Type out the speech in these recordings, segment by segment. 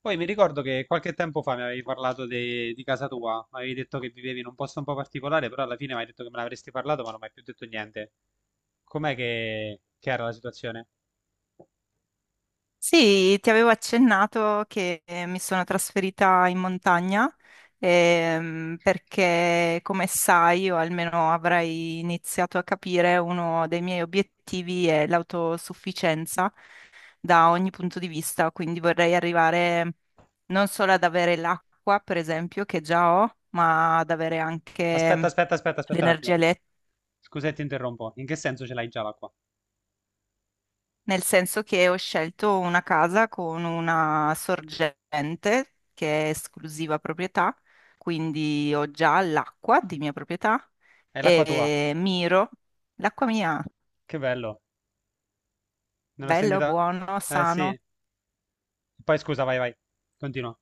Poi mi ricordo che qualche tempo fa mi avevi parlato di casa tua, mi avevi detto che vivevi in un posto un po' particolare, però alla fine mi hai detto che me l'avresti parlato, ma non mi hai più detto niente. Com'è che era la situazione? Sì, ti avevo accennato che mi sono trasferita in montagna perché, come sai, o almeno avrai iniziato a capire, uno dei miei obiettivi è l'autosufficienza da ogni punto di vista, quindi vorrei arrivare non solo ad avere l'acqua, per esempio, che già ho, ma ad avere Aspetta, anche aspetta, aspetta, aspetta un l'energia attimo. elettrica Scusa, se ti interrompo. In che senso ce l'hai già l'acqua? nel senso che ho scelto una casa con una sorgente che è esclusiva proprietà, quindi ho già l'acqua di mia proprietà È l'acqua tua. e miro l'acqua mia, Che bello. Non l'ho bello, sentita? buono, Eh sì. sano. Poi scusa, vai, vai. Continua.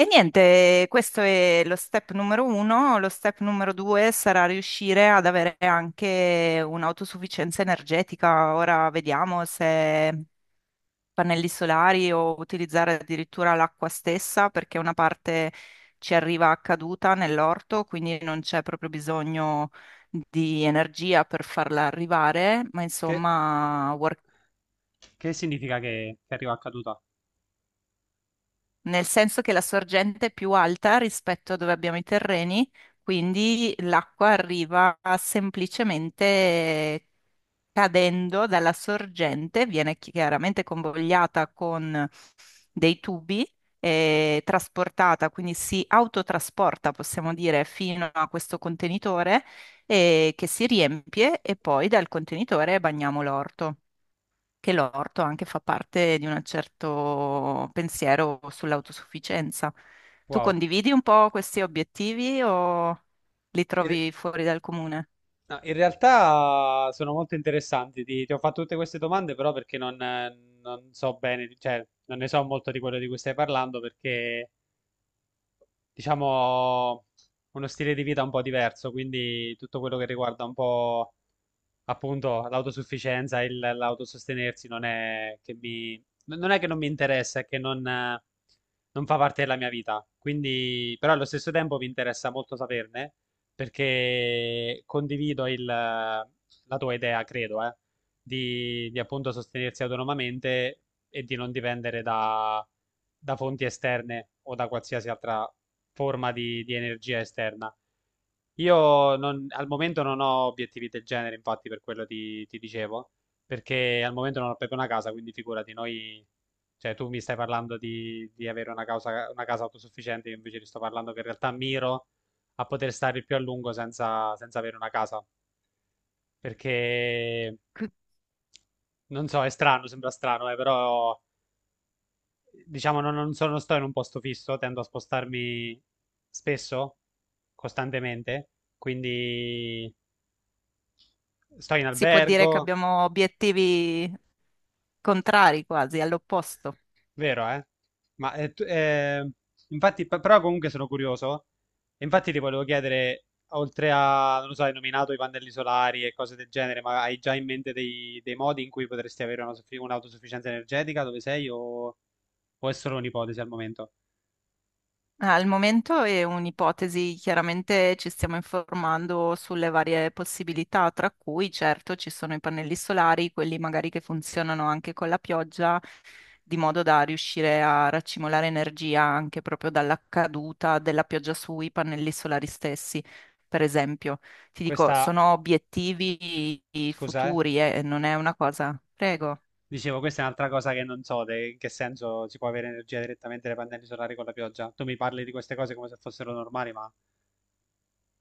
E niente, questo è lo step numero uno. Lo step numero due sarà riuscire ad avere anche un'autosufficienza energetica. Ora vediamo se pannelli solari o utilizzare addirittura l'acqua stessa perché una parte ci arriva a caduta nell'orto, quindi non c'è proprio bisogno di energia per farla arrivare, ma Che, insomma, che significa che arriva a caduta? nel senso che la sorgente è più alta rispetto a dove abbiamo i terreni, quindi l'acqua arriva semplicemente cadendo dalla sorgente, viene chiaramente convogliata con dei tubi trasportata, quindi si autotrasporta, possiamo dire, fino a questo contenitore che si riempie e poi dal contenitore bagniamo l'orto. Che l'orto anche fa parte di un certo pensiero sull'autosufficienza. Tu Wow. condividi un po' questi obiettivi o li Ed- trovi fuori dal comune? No, in realtà sono molto interessanti. Ti ho fatto tutte queste domande, però perché non so bene, cioè non ne so molto di quello di cui stai parlando, perché diciamo, uno stile di vita un po' diverso, quindi tutto quello che riguarda un po' appunto l'autosufficienza, l'autosostenersi non è che non mi interessa, è che non fa parte della mia vita. Quindi, però allo stesso tempo mi interessa molto saperne perché condivido la tua idea, credo, di appunto sostenersi autonomamente e di non dipendere da fonti esterne o da qualsiasi altra forma di energia esterna. Io non- Al momento non ho obiettivi del genere, infatti, per quello ti dicevo, perché al momento non ho proprio una casa, quindi figurati, cioè tu mi stai parlando di avere una casa autosufficiente, io invece ti sto parlando che in realtà miro a poter stare il più a lungo senza avere una casa, perché non so, è strano, sembra strano, però diciamo, non sto in un posto fisso, tendo a spostarmi spesso, costantemente, quindi sto in Si può dire che albergo, abbiamo obiettivi contrari quasi, all'opposto. vero, eh? Ma infatti, però comunque sono curioso, e infatti ti volevo chiedere, oltre a, non lo so, hai nominato i pannelli solari e cose del genere, ma hai già in mente dei modi in cui potresti avere un'autosufficienza energetica dove sei o è solo un'ipotesi al momento? Ah, al momento è un'ipotesi, chiaramente ci stiamo informando sulle varie possibilità, tra cui certo ci sono i pannelli solari, quelli magari che funzionano anche con la pioggia, di modo da riuscire a raccimolare energia anche proprio dalla caduta della pioggia sui pannelli solari stessi, per esempio. Ti dico, Questa, sono obiettivi scusa, eh? futuri e non è una cosa. Prego. Dicevo, questa è un'altra cosa che non so, in che senso si può avere energia direttamente dai pannelli solari con la pioggia. Tu mi parli di queste cose come se fossero normali, ma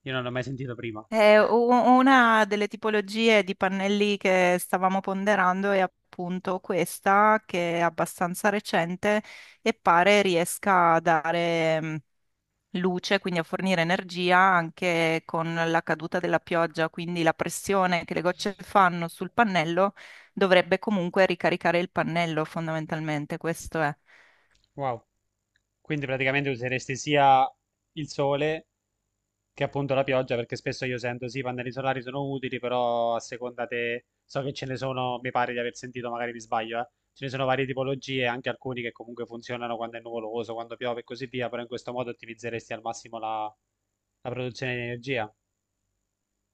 io non l'ho mai sentito prima. Una delle tipologie di pannelli che stavamo ponderando è appunto questa, che è abbastanza recente e pare riesca a dare luce, quindi a fornire energia anche con la caduta della pioggia, quindi la pressione che le gocce fanno sul pannello dovrebbe comunque ricaricare il pannello, fondamentalmente, questo è. Wow. Quindi praticamente useresti sia il sole che appunto la pioggia, perché spesso io sento sì, i pannelli solari sono utili, però a seconda te so che ce ne sono, mi pare di aver sentito, magari mi sbaglio, eh. Ce ne sono varie tipologie, anche alcuni che comunque funzionano quando è nuvoloso, quando piove e così via, però in questo modo ottimizzeresti al massimo la produzione di energia.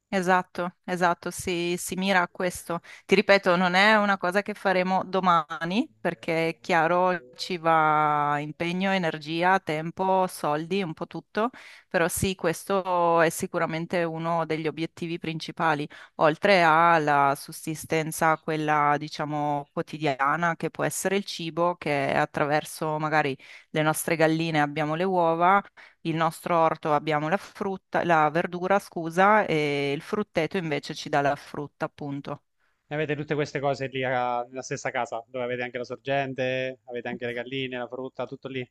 Esatto, esatto, si mira a questo. Ti ripeto, non è una cosa che faremo domani, perché è chiaro ci va impegno, energia, tempo, soldi, un po' tutto, però sì, questo è sicuramente uno degli obiettivi principali, oltre alla sussistenza, quella diciamo quotidiana, che può essere il cibo, che attraverso magari le nostre galline abbiamo le uova. Il nostro orto abbiamo la frutta, la verdura, scusa, e il frutteto invece ci dà la frutta, appunto. E avete tutte queste cose lì nella stessa casa, dove avete anche la sorgente, avete anche le galline, la frutta, tutto lì.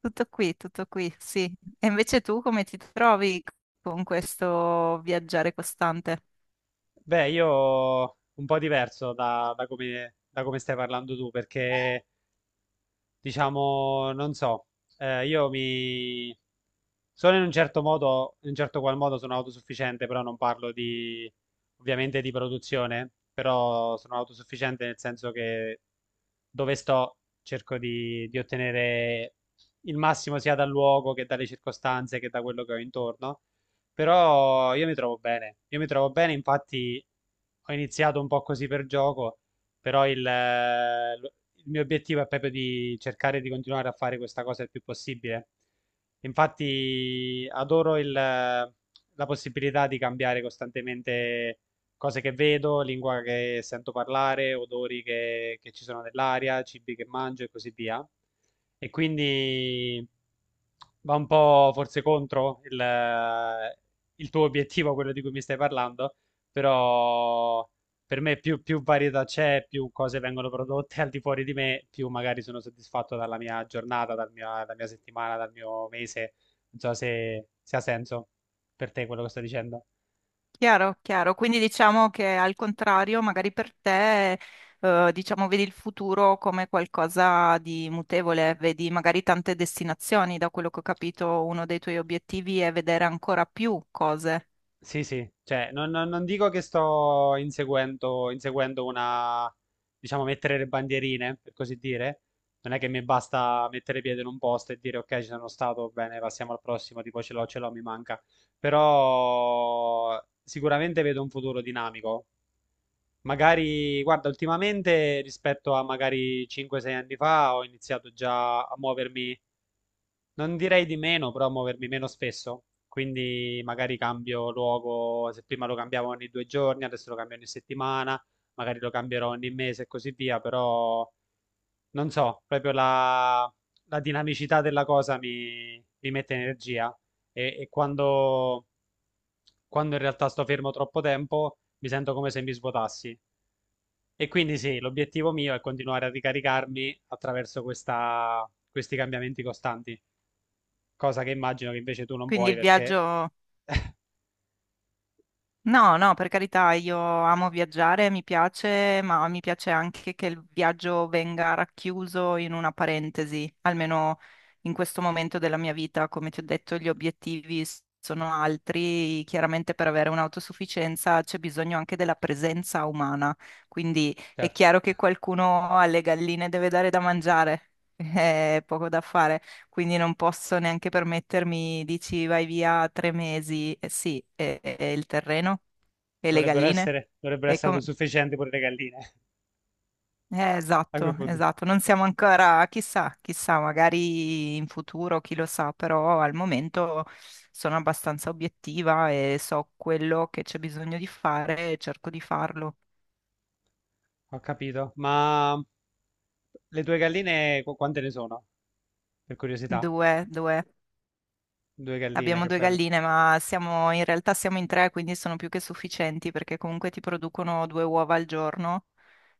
Tutto qui, sì. E invece tu come ti trovi con questo viaggiare costante? Beh, io un po' diverso da come stai parlando tu, perché diciamo, non so, io mi sono in un certo modo, in un certo qual modo sono autosufficiente, però non parlo di, ovviamente di produzione, però sono autosufficiente nel senso che dove sto cerco di ottenere il massimo sia dal luogo che dalle circostanze che da quello che ho intorno. Però io mi trovo bene, io mi trovo bene, infatti ho iniziato un po' così per gioco, però il mio obiettivo è proprio di cercare di continuare a fare questa cosa il più possibile. Infatti adoro la possibilità di cambiare costantemente cose che vedo, lingua che sento parlare, odori che ci sono nell'aria, cibi che mangio e così via. E quindi va un po' forse contro il tuo obiettivo, quello di cui mi stai parlando, però per me più varietà c'è, più cose vengono prodotte al di fuori di me, più magari sono soddisfatto dalla mia giornata, dalla mia settimana, dal mio mese. Non so se ha senso per te quello che sto dicendo. Chiaro, chiaro. Quindi diciamo che al contrario, magari per te, diciamo, vedi il futuro come qualcosa di mutevole, vedi magari tante destinazioni. Da quello che ho capito, uno dei tuoi obiettivi è vedere ancora più cose. Sì, sì, cioè non dico che sto inseguendo diciamo, mettere le bandierine, per così dire. Non è che mi basta mettere piede in un posto e dire ok, ci sono stato, bene, passiamo al prossimo, tipo ce l'ho, mi manca. Però sicuramente vedo un futuro dinamico. Magari, guarda, ultimamente rispetto a magari 5-6 anni fa ho iniziato già a muovermi non direi di meno, però muovermi meno spesso. Quindi magari cambio luogo, se prima lo cambiavo ogni 2 giorni, adesso lo cambio ogni settimana, magari lo cambierò ogni mese e così via, però non so, proprio la, la dinamicità della cosa mi mette energia e quando in realtà sto fermo troppo tempo mi sento come se mi svuotassi. E quindi sì, l'obiettivo mio è continuare a ricaricarmi attraverso questi cambiamenti costanti cosa che immagino che invece tu non Quindi vuoi il perché viaggio. No, no, per carità, io amo viaggiare, mi piace, ma mi piace anche che il viaggio venga racchiuso in una parentesi, almeno in questo momento della mia vita, come ti ho detto, gli obiettivi sono altri, chiaramente per avere un'autosufficienza c'è bisogno anche della presenza umana, quindi è certo, chiaro che qualcuno alle galline deve dare da mangiare, è poco da fare quindi non posso neanche permettermi, dici vai via 3 mesi, eh sì, e il terreno e le galline. Dovrebbero E essere com- autosufficienti pure le galline. eh, A quel esatto, punto esatto, non siamo ancora, chissà, chissà, magari in futuro, chi lo sa, però al momento sono abbastanza obiettiva e so quello che c'è bisogno di fare e cerco di farlo. ho capito. Ma le tue galline quante ne sono? Per curiosità, Due, due. due galline, Abbiamo che due bello. galline, ma siamo, in realtà siamo in tre, quindi sono più che sufficienti perché comunque ti producono due uova al giorno.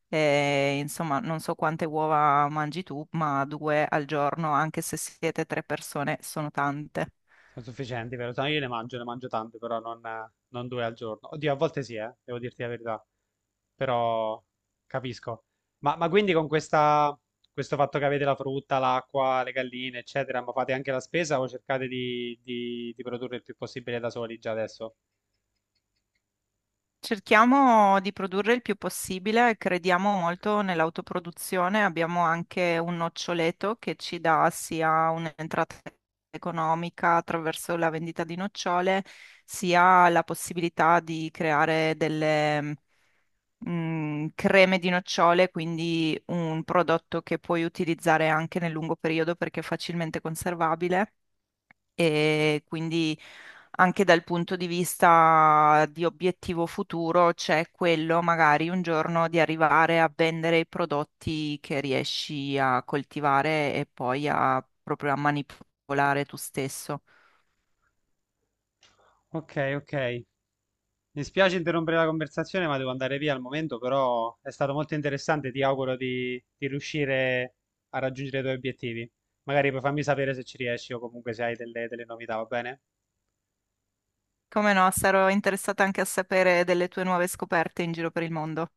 E, insomma, non so quante uova mangi tu, ma due al giorno, anche se siete tre persone, sono tante. Sono sufficienti, vero? No, io ne mangio tante, però non 2 al giorno. Oddio, a volte sì, devo dirti la verità. Però capisco. Ma quindi con questo fatto che avete la frutta, l'acqua, le galline, eccetera, ma fate anche la spesa o cercate di produrre il più possibile da soli già adesso? Cerchiamo di produrre il più possibile, crediamo molto nell'autoproduzione, abbiamo anche un noccioleto che ci dà sia un'entrata economica attraverso la vendita di nocciole, sia la possibilità di creare delle creme di nocciole, quindi un prodotto che puoi utilizzare anche nel lungo periodo perché è facilmente conservabile e quindi anche dal punto di vista di obiettivo futuro c'è quello magari un giorno di arrivare a vendere i prodotti che riesci a coltivare e poi a proprio a manipolare tu stesso. Ok, ok. Mi spiace interrompere la conversazione, ma devo andare via al momento, però è stato molto interessante. Ti auguro di riuscire a raggiungere i tuoi obiettivi. Magari poi fammi sapere se ci riesci o comunque se hai delle novità, va bene? Come no, sarò interessata anche a sapere delle tue nuove scoperte in giro per il mondo.